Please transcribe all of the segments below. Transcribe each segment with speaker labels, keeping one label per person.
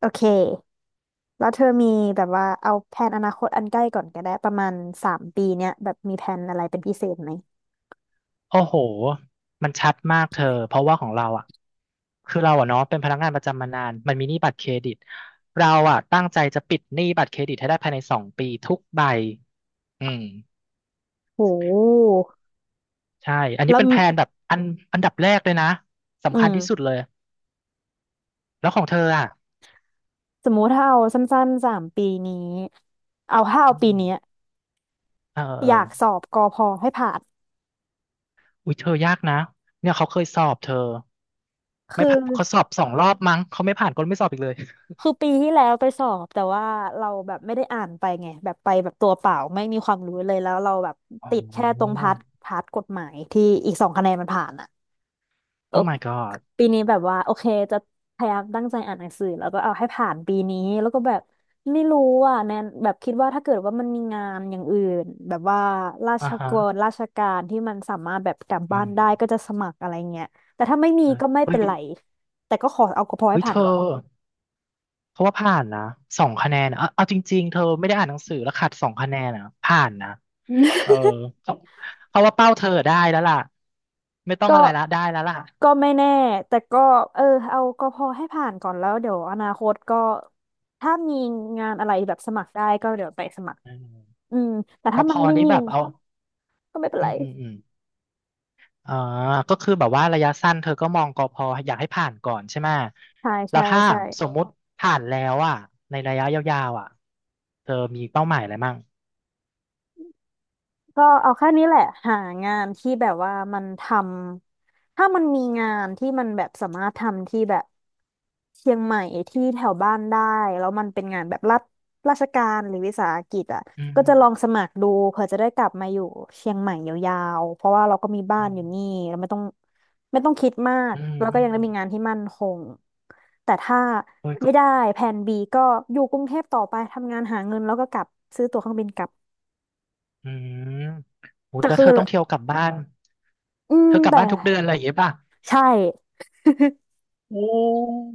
Speaker 1: โอเค แล้วเธอมีแบบว่าเอาแผนอนาคตอันใกล้ก่อนก็ได้ประมาณสามปีเนี้ยแบบมีแผนอะไรเป็นพิเศษไหม
Speaker 2: โอ้โห มันชัดมากเธอ เพราะว่าของเราอ่ะ คือเราอ่ะเนาะเป็นพนักงานประจำมานาน มันมีหนี้บัตรเครดิต เราอ่ะตั้งใจจะปิดหนี้บัตรเครดิตให้ได้ภายใน2 ปีทุกใบอืม
Speaker 1: โห
Speaker 2: ใช่ อันนี้
Speaker 1: แล้ว
Speaker 2: เป็นแพลนแบบอันดับแรกเลยนะ
Speaker 1: อื
Speaker 2: สำคัญที่สุด
Speaker 1: ม
Speaker 2: เลย แล้วของเธออ่ะ
Speaker 1: สมมุติถ้าเอาสั้นๆ3 ปีนี้เอาถ้าเอา
Speaker 2: อื
Speaker 1: ปี
Speaker 2: ม
Speaker 1: เนี้ย
Speaker 2: เออเอ
Speaker 1: อ
Speaker 2: อ
Speaker 1: ยากสอบกอพอให้ผ่าน
Speaker 2: อุ้ยเธอยากนะ เนี่ยเขาเคยสอบเธอไม่
Speaker 1: คือ
Speaker 2: ผ่านเขาสอบ2 รอบมั้งเขาไม่ผ่านก็ไม่สอบอีกเลย
Speaker 1: คือปีที่แล้วไปสอบแต่ว่าเราแบบไม่ได้อ่านไปไงแบบไปแบบตัวเปล่าไม่มีความรู้เลยแล้วเราแบบ
Speaker 2: อ๋
Speaker 1: ติดแค่ตรง
Speaker 2: อ
Speaker 1: พาร์ทกฎหมายที่อีก2 คะแนนมันผ่านอ่ะเออ
Speaker 2: o my god
Speaker 1: ปีนี้แบบว่าโอเคจะพยายามตั้งใจอ่านหนังสือแล้วก็เอาให้ผ่านปีนี้แล้วก็แบบไม่รู้อ่ะแนนแบบคิดว่าถ้าเกิดว่ามันมีงานอย่างอื่นแบบว่ารา
Speaker 2: อ่า
Speaker 1: ช
Speaker 2: ฮะ
Speaker 1: กรราชการที่มันสามารถแบบกลับ
Speaker 2: อื
Speaker 1: บ้าน
Speaker 2: ม
Speaker 1: ได้ก็จะสมัครอะไรเงี้ยแต่ถ้าไม่มี
Speaker 2: เออ
Speaker 1: ก็ไม่
Speaker 2: เฮ้
Speaker 1: เป็
Speaker 2: ย
Speaker 1: นไรแต่ก็ขอเอาพอให้
Speaker 2: เฮ้ยเธ
Speaker 1: ผ่าน
Speaker 2: อ
Speaker 1: ก่อน
Speaker 2: เขาว่าผ่านนะสองคะแนนอะเอาจริงๆเธอไม่ได้อ่านหนังสือแล้วขาดสองคะแนนนะผ่านนะเออเขาเขาว่าเป้าเธอได้แล้วล่ะไม่ต้อ ง
Speaker 1: ก็
Speaker 2: อะไรละได้แล้วล่ะ
Speaker 1: ก็ไม่แน่แต่ก็เออเอาก็พอให้ผ่านก่อนแล้วเดี๋ยวอนาคตก็ถ้ามีงานอะไรแบบสมัครได้ก็เดี๋ยวไปสมัคร
Speaker 2: อืม
Speaker 1: อืมแต่
Speaker 2: ก
Speaker 1: ถ้า
Speaker 2: พ
Speaker 1: มันไม่
Speaker 2: นี้
Speaker 1: มี
Speaker 2: แบบเอา
Speaker 1: ก็ไม่เป็น
Speaker 2: อื
Speaker 1: ไร
Speaker 2: มอืมอืมอ่าก็คือแบบว่าระยะสั้นเธอก็มองกพอยากให้ผ่านก่อนใช่ไหม
Speaker 1: ใช่
Speaker 2: แล้ว
Speaker 1: ใช่
Speaker 2: ถ้า
Speaker 1: ใช่
Speaker 2: สมมุติผ่านแล้วอ่ะในระยะยาวๆอ่ะเธอมีเป้าหมายอะไรมั่ง
Speaker 1: ก็เอาแค่นี้แหละหางานที่แบบว่ามันทำถ้ามันมีงานที่มันแบบสามารถทำที่แบบเชียงใหม่ที่แถวบ้านได้แล้วมันเป็นงานแบบรัฐราชการหรือวิสาหกิจอ่ะ
Speaker 2: อื
Speaker 1: ก็จะลอง
Speaker 2: ม
Speaker 1: สมัครดูเผื่อจะได้กลับมาอยู่เชียงใหม่ยาวๆเพราะว่าเราก็มีบ้านอยู่นี่เราไม่ต้องคิดมาก
Speaker 2: อืม
Speaker 1: แล้วก็
Speaker 2: อืม
Speaker 1: ยังได้
Speaker 2: อืม
Speaker 1: มีงานที่มั่นคงแต่ถ้า
Speaker 2: โอ้ยก็
Speaker 1: ไม่ได้แผน B ก็อยู่กรุงเทพต่อไปทำงานหาเงินแล้วก็กลับซื้อตั๋วเครื่องบินกลับ
Speaker 2: อืมโหย
Speaker 1: แต่
Speaker 2: แล้ว
Speaker 1: คือ
Speaker 2: เธอต้องเที่ยวกลับบ้าน
Speaker 1: อืม
Speaker 2: เธอกลับ
Speaker 1: แต่
Speaker 2: บ้านทุกเดือนอะไรอย่างเงี้ยป่ะ
Speaker 1: ใช่
Speaker 2: โอ้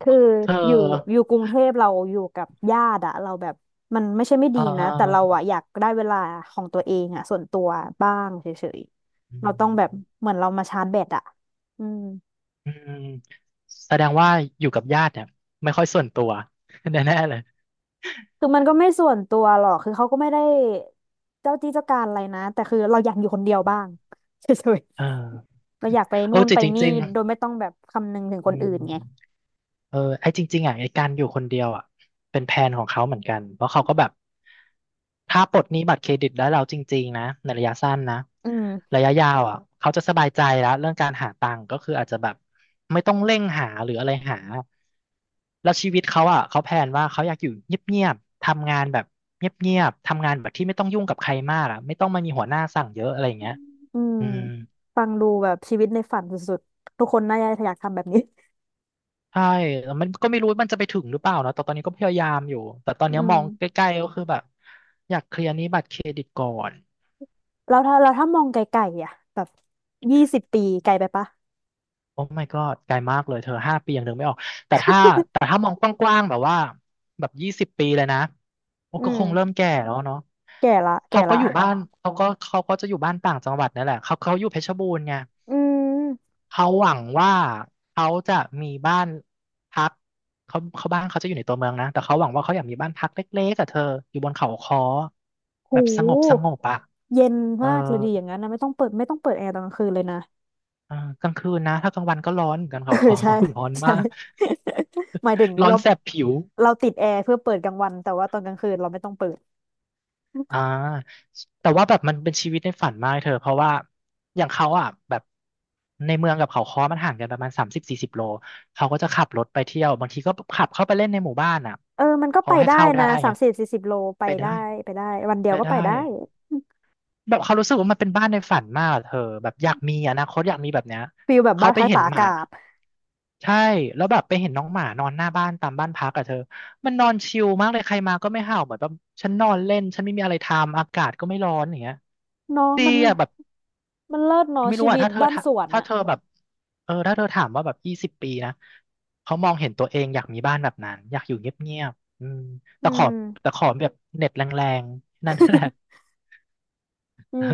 Speaker 1: คือ
Speaker 2: เธอ
Speaker 1: อยู่อยู่กรุงเทพเราอยู่กับญาติอะเราแบบมันไม่ใช่ไม่
Speaker 2: เ
Speaker 1: ดีนะแต่เรา
Speaker 2: ออ
Speaker 1: อะอยากได้เวลาของตัวเองอะส่วนตัวบ้างเฉย
Speaker 2: อื
Speaker 1: ๆเราต้องแบบ
Speaker 2: ม
Speaker 1: เหมือนเรามาชาร์จแบตอะอืม
Speaker 2: อืมแสดงว่าอยู่กับญาติเนี่ยไม่ค่อยส่วนตัว แน่ๆเลย
Speaker 1: คือมันก็ไม่ส่วนตัวหรอกคือเขาก็ไม่ได้เจ้าที่เจ้าการอะไรนะแต่คือเราอยากอยู่คนเดียวบ้าง เฉย
Speaker 2: เออ
Speaker 1: ๆเราอยากไป
Speaker 2: เอ
Speaker 1: นู่
Speaker 2: อ
Speaker 1: น
Speaker 2: จริ
Speaker 1: ไป
Speaker 2: ง
Speaker 1: นี่
Speaker 2: จริง
Speaker 1: โดยไม่ต้องแบบคำนึงถึง
Speaker 2: ๆ
Speaker 1: ค
Speaker 2: อื
Speaker 1: นอื่
Speaker 2: ม
Speaker 1: นไง
Speaker 2: เออไอ้จริงๆอ่ะไอ้การอยู่คนเดียวอ่ะเป็นแผนของเขาเหมือนกันเพราะเขาก็แบบถ้าปลดหนี้บัตรเครดิตได้แล้วจริงๆนะในระยะสั้นนะ
Speaker 1: อืม
Speaker 2: ระยะยาวอ่ะเขาจะสบายใจแล้วเรื่องการหาตังค์ก็คืออาจจะแบบไม่ต้องเร่งหาหรืออะไรหาแล้วชีวิตเขาอ่ะเขาแพลนว่าเขาอยากอยู่เงียบๆทำงานแบบเงียบๆทำงานแบบที่ไม่ต้องยุ่งกับใครมากอ่ะไม่ต้องมามีหัวหน้าสั่งเยอะอะไรอย่างเงี้ย
Speaker 1: อืม
Speaker 2: อืม
Speaker 1: ฟังดูแบบชีวิตในฝันสุดๆ ทุกคนน่าจะอยากทำแบบนี้
Speaker 2: ใช่แล้วมันก็ไม่รู้มันจะไปถึงหรือเปล่านะแต่ตอนนี้ก็พยายามอยู่ แต่ตอน
Speaker 1: อื
Speaker 2: นี้ม
Speaker 1: ม
Speaker 2: องใกล้ๆก็คือแบบอยากเคลียร์หนี้บัตรเครดิตก่อน
Speaker 1: แล้วถ้าเราถ้ามองไกลๆอ่ะแบบ20 ปีไกลไปปะ
Speaker 2: โอ้ my god ไกลมากเลยเธอ5 ปียังนึกไม่ออกแต่ถ้าแต่ถ้ามองกว้างๆแบบว่าแบบยี่สิบปีเลยนะโอ้
Speaker 1: อื
Speaker 2: ก็
Speaker 1: ม
Speaker 2: คงเริ่มแก่แล้วเนาะ
Speaker 1: แก่ละแก่
Speaker 2: เขาก็
Speaker 1: ละ
Speaker 2: อยู่บ้านเขาก็เขาก็จะอยู่บ้านต่างจังหวัดนั่นแหละเขาอยู่เพชรบูรณ์ไง
Speaker 1: อืม
Speaker 2: เขาหวังว่าเขาจะมีบ้านพักเขาบ้านเขาจะอยู่ในตัวเมืองนะแต่เขาหวังว่าเขาอยากมีบ้านพักเล็กๆกับเธออยู่บนเขาค้อแบ
Speaker 1: หู
Speaker 2: บสงบสงบอ่ะ
Speaker 1: เย็น
Speaker 2: เออ
Speaker 1: มากเลยดีอย่างนั้นนะไม่ต้องเปิดแอร์ตอนกลางคืนเลยนะ
Speaker 2: อ่ากลางคืนนะถ้ากลางวันก็ร้อนเหมือนกัน
Speaker 1: เออ
Speaker 2: เขาคอ
Speaker 1: ใช่
Speaker 2: ร้อน
Speaker 1: ใช่
Speaker 2: มาก
Speaker 1: หมายถึง
Speaker 2: ร้อ
Speaker 1: เรา
Speaker 2: นแสบผิว
Speaker 1: เราติดแอร์เพื่อเปิดกลางวันแต่ว่าตอนกลางคืนเราไม่ต้องเปิด
Speaker 2: อ่าแต่ว่าแบบมันเป็นชีวิตในฝันมากเธอเพราะว่าอย่างเขาอ่ะแบบในเมืองกับเขาค้อมันห่างกันประมาณ30 40 โลเขาก็จะขับรถไปเที่ยวบางทีก็ขับเข้าไปเล่นในหมู่บ้านอ่ะ
Speaker 1: เออมันก็
Speaker 2: เขา
Speaker 1: ไป
Speaker 2: ให้
Speaker 1: ได้
Speaker 2: เข้าได้
Speaker 1: นะสา
Speaker 2: ไง
Speaker 1: มสิบสี่สิบโลไป
Speaker 2: ไปได้
Speaker 1: ได้ไปได้วันเดีย
Speaker 2: ไป
Speaker 1: วก็
Speaker 2: ได้
Speaker 1: ไปได้
Speaker 2: แบบเขารู้สึกว่ามันเป็นบ้านในฝันมากอะเธอแบบอยากมีอนาคตอยากมีแบบเนี้ย
Speaker 1: ฟีลแบบ
Speaker 2: เขา
Speaker 1: บ้าน
Speaker 2: ไป
Speaker 1: พัก
Speaker 2: เห็
Speaker 1: ตา
Speaker 2: น
Speaker 1: ก
Speaker 2: ห
Speaker 1: อา
Speaker 2: มา
Speaker 1: กาศ
Speaker 2: ใช่แล้วแบบไปเห็นน้องหมานอนหน้าบ้านตามบ้านพักอะเธอมันนอนชิลมากเลยใครมาก็ไม่เห่าเหมือนแบบฉันนอนเล่นฉันไม่มีอะไรทำอากาศก็ไม่ร้อนอย่างเงี้ย
Speaker 1: เนาะ
Speaker 2: ดี
Speaker 1: มัน
Speaker 2: อะแบบ
Speaker 1: มันเลิศเนาะ
Speaker 2: ไม่รู้
Speaker 1: ชี
Speaker 2: อะ
Speaker 1: วิตบ้านสวน
Speaker 2: ถ้า
Speaker 1: อะ
Speaker 2: เธอแบบเออถ้าเธอถามว่าแบบยี่สิบปีนะเขามองเห็นตัวเองอยากมีบ้านแบบนั้นอยากอยู่เงียบๆอืม
Speaker 1: อื
Speaker 2: แต่ขอ
Speaker 1: ม
Speaker 2: แต่ขอแบบเน็ตแรงๆนั่นแหละ
Speaker 1: อื
Speaker 2: เออ
Speaker 1: ม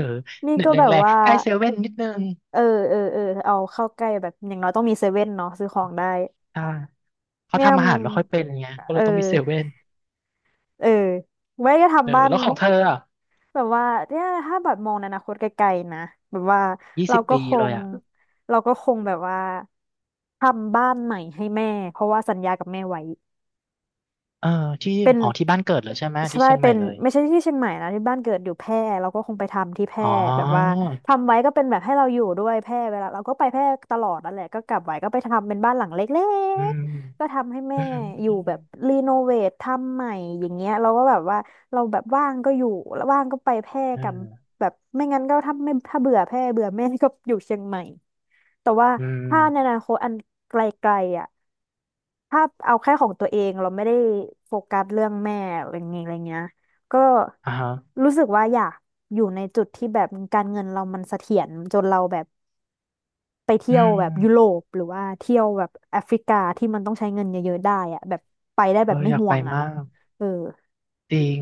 Speaker 1: นี่
Speaker 2: เน็ต
Speaker 1: ก็แบบ
Speaker 2: แรง
Speaker 1: ว่า
Speaker 2: ๆใกล้เซเว่นนิดนึง
Speaker 1: เออเออเอาเข้าใกล้แบบอย่างน้อยต้องมีเซเว่นเนาะซื้อของได้
Speaker 2: อ่าเขา
Speaker 1: เนี่ย
Speaker 2: ทำ
Speaker 1: ม
Speaker 2: อาหารไม่ค่อยเป็นไงก็
Speaker 1: เอ
Speaker 2: เลย
Speaker 1: อ
Speaker 2: ต้องมีเซเว่น
Speaker 1: เออไว้ก็
Speaker 2: เออ
Speaker 1: ทำบ้าน
Speaker 2: แล้วของเธออะ
Speaker 1: แบบว่าเนี่ยถ้าแบบมองในอนาคตไกลๆนะแบบว่า
Speaker 2: ยี่
Speaker 1: เรา
Speaker 2: สิบ
Speaker 1: ก็
Speaker 2: ปี
Speaker 1: ค
Speaker 2: เลย
Speaker 1: ง
Speaker 2: อะ
Speaker 1: เราก็คงแบบว่าทำบ้านใหม่ให้แม่เพราะว่าสัญญากับแม่ไว้
Speaker 2: เออที่
Speaker 1: เป็น
Speaker 2: อ๋อที่บ้านเกิดเลยใช่ไหมที่
Speaker 1: ใช่
Speaker 2: เชียงให
Speaker 1: เป็
Speaker 2: ม่
Speaker 1: น
Speaker 2: เลย
Speaker 1: ไม่ใช่ที่เชียงใหม่นะที่บ้านเกิดอยู่แพร่เราก็คงไปทำที่แพร่
Speaker 2: อ๋อ
Speaker 1: แบบว่าทำไว้ก็เป็นแบบให้เราอยู่ด้วยแพร่เวลาเราก็ไปแพร่ตลอดนั่นแหละก็กลับไว้ก็ไปทำเป็นบ้านหลังเล็
Speaker 2: อื
Speaker 1: ก
Speaker 2: ม
Speaker 1: ๆก็ทำให้แม่
Speaker 2: อืม
Speaker 1: อยู่
Speaker 2: อืม
Speaker 1: แบบรีโนเวททำใหม่อย่างเงี้ยเราก็แบบว่าเราแบบว่างก็อยู่แล้วว่างก็ไปแพร่
Speaker 2: เอ
Speaker 1: กับ
Speaker 2: อ
Speaker 1: แบบไม่งั้นก็ถ้าเบื่อแพร่เบื่อแม่ก็อยู่เชียงใหม่แต่ว่า
Speaker 2: อืม
Speaker 1: ถ้าในอนาคตอันไกลๆอ่ะ ถ้าเอาแค่ของตัวเองเราไม่ได้โฟกัสเรื่องแม่อะไรเงี้ยก็
Speaker 2: อ่าฮะ
Speaker 1: รู้สึกว่าอยากอยู่ในจุดที่แบบการเงินเรามันเสถียรจนเราแบบไปเที่
Speaker 2: อื
Speaker 1: ยวแบบยุโร
Speaker 2: ม
Speaker 1: ปหรือว่าเที่ยวแบบแอฟริกาที่มันต้องใช้เงินเยอะๆได้อะแบบไปได้
Speaker 2: เอ
Speaker 1: แบ
Speaker 2: อ
Speaker 1: บไม่
Speaker 2: อยาก
Speaker 1: ห่ว
Speaker 2: ไป
Speaker 1: งอะ
Speaker 2: มาก
Speaker 1: เออ
Speaker 2: จริง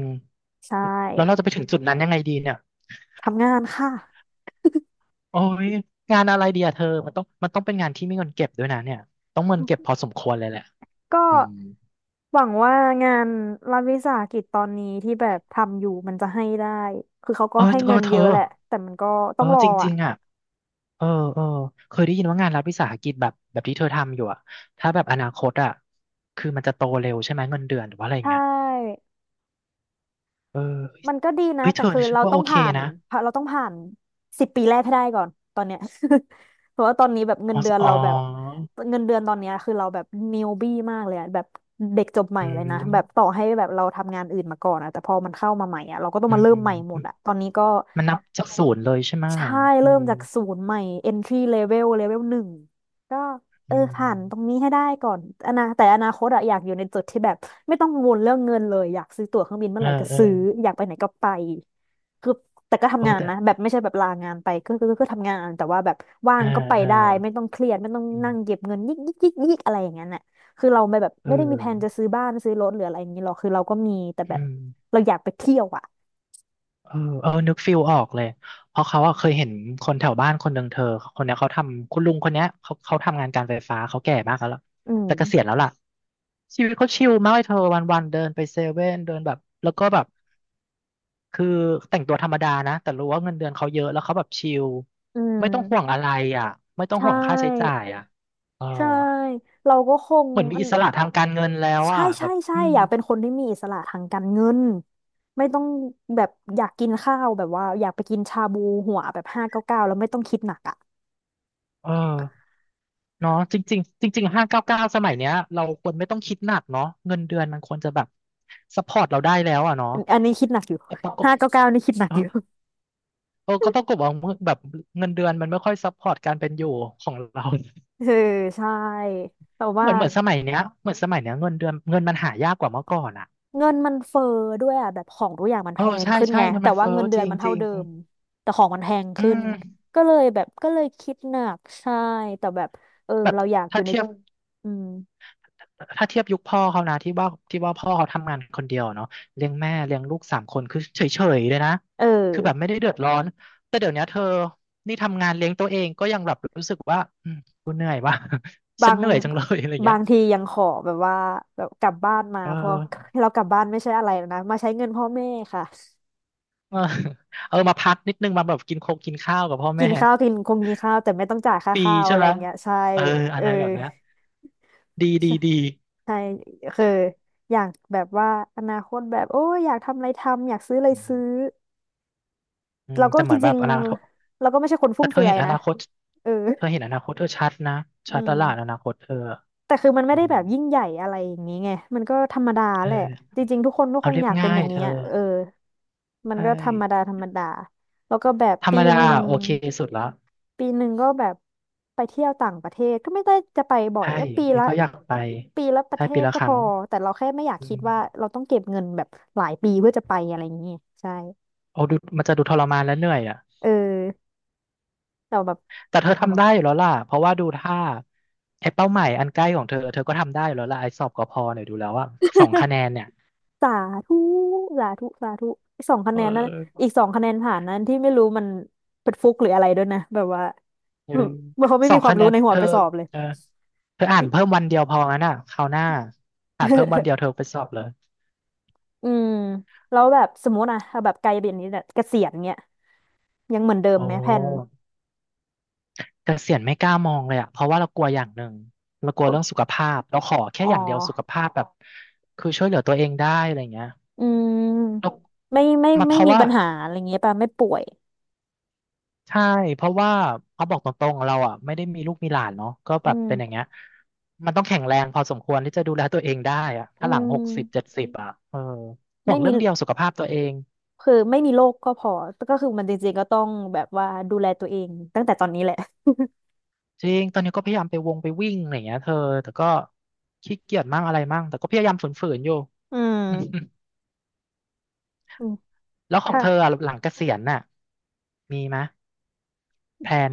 Speaker 1: ใช
Speaker 2: แล้วเราจะ
Speaker 1: ่
Speaker 2: ไปถึงจุดนั้นยังไงดีเนี่ย
Speaker 1: ทำงานค่ะ
Speaker 2: โอ้ยงานอะไรดีอะเธอมันต้องเป็นงานที่มีเงินเก็บด้วยนะเนี่ยต้องเงินเก็บพอสมควรเลยแหละ
Speaker 1: ก็
Speaker 2: อืม
Speaker 1: หวังว่างานรัฐวิสาหกิจตอนนี้ที่แบบทำอยู่มันจะให้ได้คือเขาก็
Speaker 2: เออ
Speaker 1: ให้
Speaker 2: เออ
Speaker 1: เงิน
Speaker 2: เธ
Speaker 1: เย
Speaker 2: อ
Speaker 1: อะแหละแต่มันก็
Speaker 2: เอ
Speaker 1: ต้อ
Speaker 2: อ
Speaker 1: งรอ
Speaker 2: จ
Speaker 1: อ่ะ
Speaker 2: ริงๆอ่ะเออเออเคยได้ยินว่างานรัฐวิสาหกิจแบบที่เธอทำอยู่อ่ะถ้าแบบอนาคตอ่ะคือมันจะโตเร็วใช่ไหมเงินเดือนหรือว่าอะไรอ
Speaker 1: ใช
Speaker 2: ย่างเงี้ย
Speaker 1: ่
Speaker 2: เออ
Speaker 1: มันก็ดีนะ
Speaker 2: เฮ้ยเธ
Speaker 1: แต่
Speaker 2: อ
Speaker 1: คือ
Speaker 2: ฉัน
Speaker 1: เรา
Speaker 2: ว่า
Speaker 1: ต้อ
Speaker 2: โอ
Speaker 1: ง
Speaker 2: เค
Speaker 1: ผ่าน
Speaker 2: นะ
Speaker 1: เราต้องผ่าน10 ปีแรกให้ได้ก่อนตอนเนี้ย เพราะว่าตอนนี้แบบเงิ
Speaker 2: อ๋
Speaker 1: น
Speaker 2: อ
Speaker 1: เดือน
Speaker 2: อ๋อ
Speaker 1: เราแบบเงินเดือนตอนเนี้ยคือเราแบบนิวบี้มากเลยอะแบบเด็กจบใหม่
Speaker 2: อื
Speaker 1: เลยนะ
Speaker 2: ม
Speaker 1: แบบต่อให้แบบเราทำงานอื่นมาก่อนอะแต่พอมันเข้ามาใหม่อะเราก็ต้อง
Speaker 2: อื
Speaker 1: มา
Speaker 2: ม
Speaker 1: เริ่
Speaker 2: อื
Speaker 1: ม
Speaker 2: ม
Speaker 1: ใหม่หมดอะตอนนี้ก็
Speaker 2: มันนับจากศูนย์เลยใช่ไหมะ
Speaker 1: ใช่
Speaker 2: อื
Speaker 1: เริ่ม
Speaker 2: ม
Speaker 1: จากศูนย์ใหม่ entry level หนึ่งก็เอ
Speaker 2: อื
Speaker 1: อผ่านตรง
Speaker 2: ม
Speaker 1: นี้ให้ได้ก่อนอนาแต่อนาคตอะอยากอยู่ในจุดที่แบบไม่ต้องกังวลเรื่องเงินเลยอยากซื้อตั๋วเครื่องบินเมื่
Speaker 2: เอ
Speaker 1: อ
Speaker 2: อ
Speaker 1: ไหร่ก็
Speaker 2: เออ
Speaker 1: ซื้ออยากไปไหนก็ไปคือแต่ก็
Speaker 2: โอ้
Speaker 1: ทำงาน
Speaker 2: แต่
Speaker 1: นะแบบไม่ใช่แบบลางานไปก็ทำงานแต่ว่าแบบว่า
Speaker 2: เอ
Speaker 1: ง
Speaker 2: อ
Speaker 1: ก็ไป
Speaker 2: เออ
Speaker 1: ได้ไม่ต้องเครียดไม่ต้อง
Speaker 2: อื
Speaker 1: นั่งเก็
Speaker 2: ม
Speaker 1: บเงินยิกยิกยิกยิกอะไรอย่างนั้นน่ะคือเราไม่แบบ
Speaker 2: เ
Speaker 1: ไม่ได้มีแผน
Speaker 2: ออ
Speaker 1: จะซื้อบ้านซื้อรถหรืออะไรอย่างนี้หรอกคือเราก็มีแต่แบ
Speaker 2: อื
Speaker 1: บ
Speaker 2: ม
Speaker 1: เราอยากไปเที่ยวอะ
Speaker 2: เออเออนึกฟิลออกเลย เพราะเขาอะเคยเห็นคนแถวบ้านคนหนึ่งเธอคนเนี้ยเขาทำคุณลุงคนเนี้ยเขาทำงานการไฟฟ้าเขาแก่มากแล้วล่ะ
Speaker 1: อื
Speaker 2: แต่เก
Speaker 1: ม
Speaker 2: ษียณแล้วล่ะ ชีวิตเขาชิลมากเลยเธอวันวันเดินไปเซเว่นเดินแบบแล้วก็แบบ คือแต่งตัวธรรมดานะแต่รู้ว่าเงินเดือนเขาเยอะแล้วเขาแบบชิล
Speaker 1: อื
Speaker 2: ไม่ต้องห่วง
Speaker 1: ม
Speaker 2: อะไรอ่ะไม่ต้อ
Speaker 1: ใช
Speaker 2: งห่วงค่าใช้จ่า
Speaker 1: ่
Speaker 2: ยอ่ะเออ
Speaker 1: ใช่ เราก็คง
Speaker 2: เหมือนมี
Speaker 1: อัน
Speaker 2: อิสระทางการเงินแล้ว
Speaker 1: ใช่
Speaker 2: อ่ะแบ
Speaker 1: ใช่
Speaker 2: บ
Speaker 1: ใช่
Speaker 2: อืม
Speaker 1: อยากเป็นคนที่มีอิสระทางการเงินไม่ต้องแบบอยากกินข้าวแบบว่าอยากไปกินชาบูหัวแบบห้าเก้าเก้าแล้วไม่ต้องคิดหนักอ่ะ
Speaker 2: เออเนาะจริงๆจริงๆ599สมัยเนี้ยเราควรไม่ต้องคิดหนักเนาะเงินเดือนมันควรจะแบบซัพพอร์ตเราได้แล้วอ่ะเนาะ
Speaker 1: อันนี้คิดหนักอยู่
Speaker 2: แต่ปรากฏ
Speaker 1: ห้าเก้าเก้านี่คิดหนัก
Speaker 2: เออ
Speaker 1: อยู่
Speaker 2: เออก็ปรากฏว่าแบบเงินเดือนมันไม่ค่อยซัพพอร์ตการเป็นอยู่ของเรา
Speaker 1: เออใช่แต่
Speaker 2: เห
Speaker 1: ว่า
Speaker 2: มือนเหมือนสมัยเนี้ยเหมือนสมัยเนี้ยเงินเดือนเงินมันหายากกว่าเมื่อก่อนอ่ะ
Speaker 1: เงินมันเฟ้อด้วยอ่ะแบบของทุกอย่างมัน
Speaker 2: เอ
Speaker 1: แพ
Speaker 2: อ
Speaker 1: ง
Speaker 2: ใช่
Speaker 1: ขึ้น
Speaker 2: ใช่
Speaker 1: ไง
Speaker 2: เงิน
Speaker 1: แต่
Speaker 2: มัน
Speaker 1: ว่า
Speaker 2: เฟ้อ
Speaker 1: เงินเดื
Speaker 2: จ
Speaker 1: อน
Speaker 2: ริง
Speaker 1: มัน
Speaker 2: จ
Speaker 1: เท่า
Speaker 2: ริง
Speaker 1: เดิมแต่ของมันแพง
Speaker 2: อื
Speaker 1: ขึ้น
Speaker 2: ม
Speaker 1: ก็เลยแบบก็เลยคิดหนักใช่แต่แบบเออ
Speaker 2: แบบ
Speaker 1: เราอยากอ
Speaker 2: ถ้า
Speaker 1: ยู่ใน
Speaker 2: เทียบ
Speaker 1: อืม
Speaker 2: ถ้าเทียบยุคพ่อเขานะที่ว่าพ่อเขาทำงานคนเดียวเนาะเลี้ยงแม่เลี้ยงลูก3 คนคือเฉยเฉยเลยนะ
Speaker 1: เออ
Speaker 2: คือแบบไม่ได้เดือดร้อนแต่เดี๋ยวเนี้ยเธอนี่ทำงานเลี้ยงตัวเองก็ยังแบบรู้สึกว่าอืมกูเหนื่อยว่ะ
Speaker 1: บา
Speaker 2: ฉัน
Speaker 1: ง
Speaker 2: เหนื่อยจังเลยอะไรเงี้ย
Speaker 1: ทียังขอแบบว่าแบบกลับบ้านมา
Speaker 2: เอ
Speaker 1: เพอ
Speaker 2: อ
Speaker 1: เรากลับบ้านไม่ใช่อะไรแล้วนะมาใช้เงินพ่อแม่ค่ะ
Speaker 2: เออ เออมาพักนิดนึงมาแบบกินโคกกินข้าวกับพ่อ
Speaker 1: กิ
Speaker 2: แม่
Speaker 1: นข้าวกินคงกินข้าวแต่ไม่ต้องจ่ายค่า
Speaker 2: ฟรี
Speaker 1: ข้าว
Speaker 2: ใช่
Speaker 1: อะไร
Speaker 2: ไหม
Speaker 1: เงี้ยใช่
Speaker 2: เออ
Speaker 1: เอ
Speaker 2: อะ
Speaker 1: อ
Speaker 2: ไรแบบเนี้ยดี
Speaker 1: ใช่
Speaker 2: ดีดี
Speaker 1: ใช่คืออยากแบบว่าอนาคตแบบโอ้ยอยากทำอะไรทำอยากซื้ออะไร
Speaker 2: อื
Speaker 1: ซื้อ
Speaker 2: มอืม
Speaker 1: เราก็
Speaker 2: แต่เห
Speaker 1: จ
Speaker 2: มือนแบ
Speaker 1: ริ
Speaker 2: บ
Speaker 1: ง
Speaker 2: อนาคต
Speaker 1: ๆเราก็ไม่ใช่คนฟุ่
Speaker 2: แต่
Speaker 1: ม
Speaker 2: เธอ
Speaker 1: เฟือ
Speaker 2: เห็
Speaker 1: ย
Speaker 2: นอ
Speaker 1: นะ
Speaker 2: นาคต
Speaker 1: เออ
Speaker 2: เธอเห็นอนาคตเธอชัดนะ
Speaker 1: อื
Speaker 2: ชัดต
Speaker 1: ม
Speaker 2: ลาดอนาคตเธอ
Speaker 1: แต่คือมัน
Speaker 2: อื
Speaker 1: ไม่ได้แบ
Speaker 2: ม
Speaker 1: บยิ่งใหญ่อะไรอย่างนี้ไงมันก็ธรรมดา
Speaker 2: เอ
Speaker 1: แหละ
Speaker 2: อ
Speaker 1: จริงๆทุกคนก็ค
Speaker 2: เอา
Speaker 1: ง
Speaker 2: เรีย
Speaker 1: อ
Speaker 2: บ
Speaker 1: ยากเป็น
Speaker 2: ง่า
Speaker 1: อ
Speaker 2: ย
Speaker 1: ย่าง
Speaker 2: เธ
Speaker 1: นี้อะ
Speaker 2: อ
Speaker 1: เออมัน
Speaker 2: ใช่
Speaker 1: ก็ธรรมดาธรรมดาแล้วก็แบบ
Speaker 2: ธรร
Speaker 1: ปี
Speaker 2: ม
Speaker 1: ห
Speaker 2: ดา
Speaker 1: นึ่ง
Speaker 2: โอเคสุดละ
Speaker 1: ก็แบบไปเที่ยวต่างประเทศก็ไม่ได้จะไปบ่อย
Speaker 2: ใช่
Speaker 1: ก็ปี
Speaker 2: มัน
Speaker 1: ละ
Speaker 2: ก็อยากไป
Speaker 1: ปีละประ
Speaker 2: ใช่
Speaker 1: เท
Speaker 2: ปี
Speaker 1: ศ
Speaker 2: ละ
Speaker 1: ก็
Speaker 2: ค
Speaker 1: พ
Speaker 2: รั้ง
Speaker 1: อแต่เราแค่ไม่อยาก
Speaker 2: อื
Speaker 1: คิ
Speaker 2: ม
Speaker 1: ดว่าเราต้องเก็บเงินแบบหลายปีเพื่อจะไปอะไรอย่างนี้ใช่
Speaker 2: เอาดูมันจะดูทรมานและเหนื่อยอ่ะ
Speaker 1: เออแต่แบบ
Speaker 2: แต่เธอทำได้อยู่แล้วล่ะเพราะว่าดูท่าไอ้เป้าหมายอันใกล้ของเธอเธอก็ทำได้อยู่แล้วล่ะไอ้สอบกพเนี่ยดูแล้วว่าสอง คะแนนเนี่ย
Speaker 1: สาธุสาธุอีกสองคะ
Speaker 2: เ
Speaker 1: แนนนั้นอี
Speaker 2: ออ
Speaker 1: กสองคะแนนผ่านนั้นที่ไม่รู้มันเป็นฟุกหรืออะไรด้วยนะ แบบว่า
Speaker 2: เออ
Speaker 1: เหมือนเขาไม่
Speaker 2: สอ
Speaker 1: มี
Speaker 2: ง
Speaker 1: ความ
Speaker 2: คะแน
Speaker 1: รู้
Speaker 2: น
Speaker 1: ในหั
Speaker 2: เธ
Speaker 1: ว
Speaker 2: อ
Speaker 1: ไปสอบเลย
Speaker 2: เออ เธออ่านเพิ่มวันเดียวพองั้นอ่ะคราวหน้าอ่านเพิ่มวัน เดียวเธอไปสอบเลย
Speaker 1: อืมแล้วแบบสมมติอะเอาแบบไกลเบียนนี้เนี่ยเกษียณเงี้ยยังเหมือนเดิ
Speaker 2: โอ้
Speaker 1: มไหมแผน
Speaker 2: เกษียณไม่กล้ามองเลยอ่ะเพราะว่าเรากลัวอย่างหนึ่งเรากลัว
Speaker 1: ก็
Speaker 2: เรื่องสุขภาพเราขอ
Speaker 1: อ๋
Speaker 2: แค่
Speaker 1: อ
Speaker 2: อย่างเดียวสุขภาพแบบคือช่วยเหลือตัวเองได้อะไรเงี้ย
Speaker 1: อื
Speaker 2: เรา
Speaker 1: มไม่ไม่
Speaker 2: มาเพ
Speaker 1: ไม่
Speaker 2: ราะ
Speaker 1: มี
Speaker 2: ว่า
Speaker 1: ปัญหาอะไรเงี้ยป่ะไม่ป่วย
Speaker 2: ใช่เพราะว่าเขาบอกตรงๆเราอ่ะไม่ได้มีลูกมีหลานเนาะก็
Speaker 1: อื
Speaker 2: แบบเป็นอย่าง
Speaker 1: ม
Speaker 2: เงี้ยมันต้องแข็งแรงพอสมควรที่จะดูแลตัวเองได้อ่ะ
Speaker 1: อื
Speaker 2: ถ้าหลังหกสิบเจ็ด
Speaker 1: ม
Speaker 2: สิบอ่ะเออห่ว
Speaker 1: ไม่
Speaker 2: ง
Speaker 1: มี
Speaker 2: เรื่องเดียวสุขภาพตัวเอง
Speaker 1: คือไม่มีโรคก็พอ ก็คือมันจริงๆก็ต้องแบบว่าดูแลตัวเองตั้งแต่ตอนนี้แหละ
Speaker 2: จริงตอนนี้ก็พยายามไปวงไปวิ่งอะไรอย่างเงี้ยเธอแต่ก็ขี้เกียจมั่งอะไรมั่งแต่ก็พยายามฝืนๆอยู่
Speaker 1: อื มอืม
Speaker 2: แล้วของ
Speaker 1: ค่ะ
Speaker 2: เธออะหลังเกษียณน่ะมีไหมยแพลน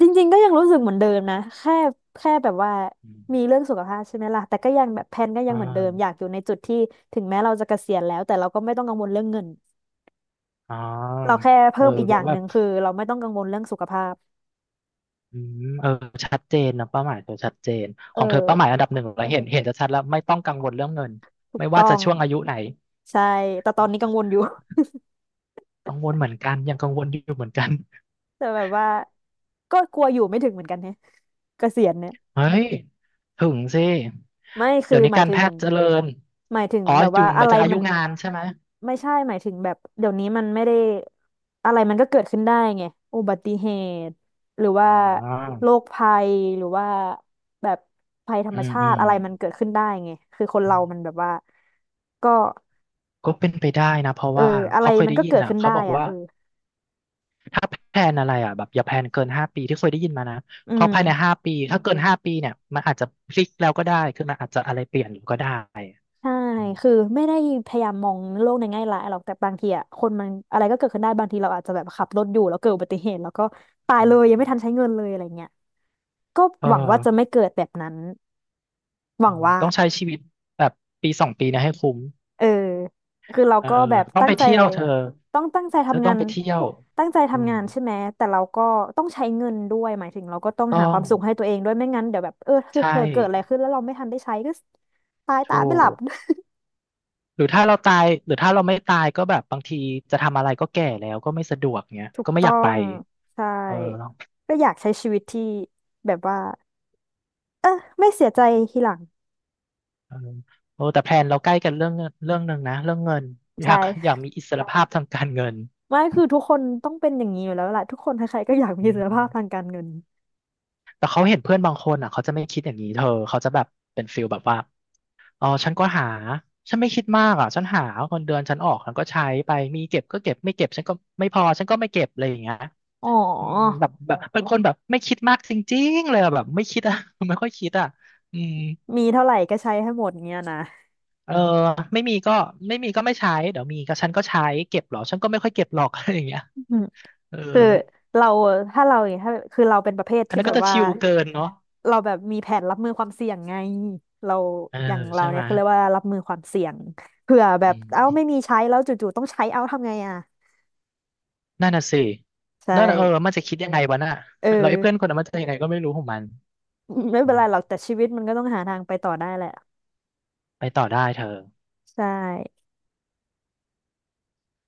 Speaker 1: จริงๆก็ยังรู้สึกเหมือนเดิมนะ แค่แบบว่า
Speaker 2: อ
Speaker 1: มี
Speaker 2: ม
Speaker 1: เรื่องสุขภาพใช่ไหมล่ะแต่ก็ยังแบบแพลนก็ยั
Speaker 2: อ่
Speaker 1: งเหมือนเดิม อยาก
Speaker 2: า
Speaker 1: อยู่ในจุดที่ถึงแม้เราจะเกษียณแล้วแต่เราก็ไม่ต้องกังวลเรื่องเงิน
Speaker 2: อ๋อ
Speaker 1: เราแค่
Speaker 2: เอ
Speaker 1: เพิ่
Speaker 2: อ
Speaker 1: มอีกอ
Speaker 2: ก็
Speaker 1: ย่าง
Speaker 2: แบ
Speaker 1: หนึ่
Speaker 2: บ
Speaker 1: งคือเราไม่ต้องกังวลเรื่องสุขภาพ
Speaker 2: อืมเออชัดเจนนะเป้าหมายเธอชัดเจน
Speaker 1: เอ
Speaker 2: ของเธอ
Speaker 1: อ
Speaker 2: เป้าหมายอันดับหนึ่งเราเห็นเห็นจะชัดแล้วไม่ต้องกังวลเรื่องเงิน
Speaker 1: ถูก
Speaker 2: ไม่ว่า
Speaker 1: ต้อ
Speaker 2: จะ
Speaker 1: ง
Speaker 2: ช่วงอายุไหน
Speaker 1: ใช่ แต่ตอนนี้กังวลอยู่
Speaker 2: กังวลเหมือนกันยังกังวลอยู่เหมือนกัน
Speaker 1: แต่แบบว่าก็กลัวอยู่ไม่ถึงเหมือนกันเนี่ยเกษียณเนี่ย
Speaker 2: เฮ้ยถึงสิ
Speaker 1: ไม่
Speaker 2: เดี๋
Speaker 1: คื
Speaker 2: ย
Speaker 1: อ
Speaker 2: วนี้
Speaker 1: หมาย
Speaker 2: การ
Speaker 1: ถึ
Speaker 2: แพ
Speaker 1: ง
Speaker 2: ทย์เจริญอ๋อ
Speaker 1: แบบ
Speaker 2: อยู่
Speaker 1: ว่า
Speaker 2: ห
Speaker 1: อะ
Speaker 2: มาย
Speaker 1: ไร
Speaker 2: ถึงอา
Speaker 1: มั
Speaker 2: ยุ
Speaker 1: น
Speaker 2: งานใช่ไหม
Speaker 1: ไม่ใช่หมายถึงแบบเดี๋ยวนี้มันไม่ได้อะไรมันก็เกิดขึ้นได้ไงอุบัติเหตุหรือว่า
Speaker 2: อ๋อ
Speaker 1: โรคภัยหรือว่าแบบภัยธร
Speaker 2: อื
Speaker 1: รม
Speaker 2: ม
Speaker 1: ชา
Speaker 2: อื
Speaker 1: ติ
Speaker 2: ม
Speaker 1: อะไรมันเกิดขึ้นได้ไงคือคน
Speaker 2: อื
Speaker 1: เรามัน
Speaker 2: ม
Speaker 1: แบบว่าก็
Speaker 2: ก็เป็นไปได้นะเพราะ
Speaker 1: เออ
Speaker 2: ว่า
Speaker 1: อะไร
Speaker 2: เขาเคย
Speaker 1: มัน
Speaker 2: ได้
Speaker 1: ก็
Speaker 2: ยิน
Speaker 1: เกิด
Speaker 2: อ่ะ
Speaker 1: ขึ้น
Speaker 2: เขา
Speaker 1: ได้
Speaker 2: บอก
Speaker 1: อ่ะ
Speaker 2: ว่า
Speaker 1: เออ
Speaker 2: ถ้าแพลนอะไรอ่ะแบบอย่าแพลนเกินห้าปีที่เคยได้ยินมานะ
Speaker 1: อื
Speaker 2: เพราะ
Speaker 1: ม
Speaker 2: ภายในห้าปีถ้าเกินห้าปีเนี่ยมันอาจจะพลิกแล้วก็ได้คือมันอาจจะอะไรเปลี่ยนก็ได้
Speaker 1: ใช่
Speaker 2: อืม
Speaker 1: คือไม่ได้พยายามมองโลกในแง่ร้ายหรอกแต่บางทีอ่ะคนมันอะไรก็เกิดขึ้นได้บางทีเราอาจจะแบบขับรถอยู่แล้วเกิดอุบัติเหตุแล้วก็ตายเลยยังไม่ทันใช้เงินเลยอะไรเงี้ยก็
Speaker 2: เอ
Speaker 1: หวังว่าจะไม่
Speaker 2: อ
Speaker 1: เกิดแบบนั้นห
Speaker 2: อื
Speaker 1: วัง
Speaker 2: ม
Speaker 1: ว่า
Speaker 2: ต้องใช้ชีวิตแบบ1-2 ปีเนะให้คุ้ม
Speaker 1: เออคือเรา
Speaker 2: เออ
Speaker 1: ก็
Speaker 2: เออ
Speaker 1: แบบ
Speaker 2: ต้อง
Speaker 1: ตั้
Speaker 2: ไป
Speaker 1: งใจ
Speaker 2: เที่ยวเธอ
Speaker 1: ต้องตั้งใจ
Speaker 2: เธอ
Speaker 1: ทำงา
Speaker 2: ต้อง
Speaker 1: น
Speaker 2: ไปเที่ยวอืม
Speaker 1: ใช่ไหมแต่เราก็ต้องใช้เงินด้วยหมายถึงเราก็ต้อง
Speaker 2: ต้อ
Speaker 1: หาควา
Speaker 2: ง
Speaker 1: มสุขให้ตัวเองด้วยไม่งั้นเดี๋ยวแบบเออคือเผ
Speaker 2: ใช่
Speaker 1: ลอเกิดอะไรขึ้นแล้วเราไม่ทันได้ใช้ก็ตายตา
Speaker 2: ถู
Speaker 1: ไม่ห
Speaker 2: ก
Speaker 1: ลับ
Speaker 2: หรือถ้าเราตายหรือถ้าเราไม่ตายก็แบบบางทีจะทำอะไรก็แก่แล้วก็ไม่สะดวกเงี้ย
Speaker 1: ถูก
Speaker 2: ก็ไม่
Speaker 1: ต้
Speaker 2: อ
Speaker 1: อ
Speaker 2: ยากไป
Speaker 1: งใช่
Speaker 2: เออ
Speaker 1: ก็อยากใช้ชีวิตที่แบบว่าเออไม่เสียใจทีหลัง
Speaker 2: เออโอ้แต่แพลนเราใกล้กันเรื่องเงินเรื่องหนึ่งนะเรื่องเงินอ
Speaker 1: ใช
Speaker 2: ยากอยาก
Speaker 1: ่
Speaker 2: มีอิสรภาพทางการเงิน
Speaker 1: ไม่คือทุกคนต้องเป็นอย่างนี้อยู่แล้วแหละทุกคนใครๆก็อยากมี
Speaker 2: อื
Speaker 1: เสถียรภาพทา
Speaker 2: ม
Speaker 1: งการเงิน
Speaker 2: แต่เขาเห็นเพื่อนบางคนอ่ะเขาจะไม่คิดอย่างนี้เธอเขาจะแบบเป็นฟิลแบบว่าอ๋อฉันก็หาฉันไม่คิดมากอ่ะฉันหาเงินเดือนฉันออกฉันก็ใช้ไปมีเก็บก็เก็บไม่เก็บฉันก็ไม่พอฉันก็ไม่เก็บอะไรอย่างเงี้ย
Speaker 1: อ๋อ
Speaker 2: อืมแบบแบบเป็นคนแบบไม่คิดมากจริงๆเลยอะแบบไม่คิดอะ ไม่ค่อยคิดอะอืม
Speaker 1: มีเท่าไหร่ก็ใช้ให้หมดเงี้ยนะ
Speaker 2: เออไม่มีก็ไม่มีก็ไม่ใช้เดี๋ยวมีก็ฉันก็ใช้เก็บเหรอฉันก็ไม่ค่อยเก็บหรอก อะไรอย่างเงี้ย
Speaker 1: อืม
Speaker 2: เออ
Speaker 1: คือเราถ้าเราอย่างเงี้ยถ้าคือเราเป็นประเภท
Speaker 2: อัน
Speaker 1: ที่
Speaker 2: นั้น
Speaker 1: แบ
Speaker 2: ก็
Speaker 1: บ
Speaker 2: จะ
Speaker 1: ว่า
Speaker 2: ชิลเกินเนาะ
Speaker 1: เราแบบมีแผนรับมือความเสี่ยงไงเรา
Speaker 2: เออ
Speaker 1: อย่างเรา
Speaker 2: ใช่
Speaker 1: เนี่
Speaker 2: ไหม
Speaker 1: ยคือเรียกว่ารับมือความเสี่ยงเผื่อแบบ
Speaker 2: อื
Speaker 1: เอ้าไม่
Speaker 2: ม
Speaker 1: มีใช้แล้วจู่ๆต้องใช้เอ้าทำไงอ่ะ
Speaker 2: นั่นน่ะสิ
Speaker 1: ใช่
Speaker 2: นั่นน่ะเออมันจะคิดยังไงวะน่ะ
Speaker 1: เออ
Speaker 2: แล้วไอ้เพื่อนคนนั้นมันจะยังไงก็ไม่รู้ของมัน
Speaker 1: ไม่
Speaker 2: อื
Speaker 1: เป็นไรหรอก
Speaker 2: ม
Speaker 1: แต่ชีวิตมันก็ต้องหาทางไปต่อได้แหละ
Speaker 2: ไปต่อได้เธอ
Speaker 1: ใช่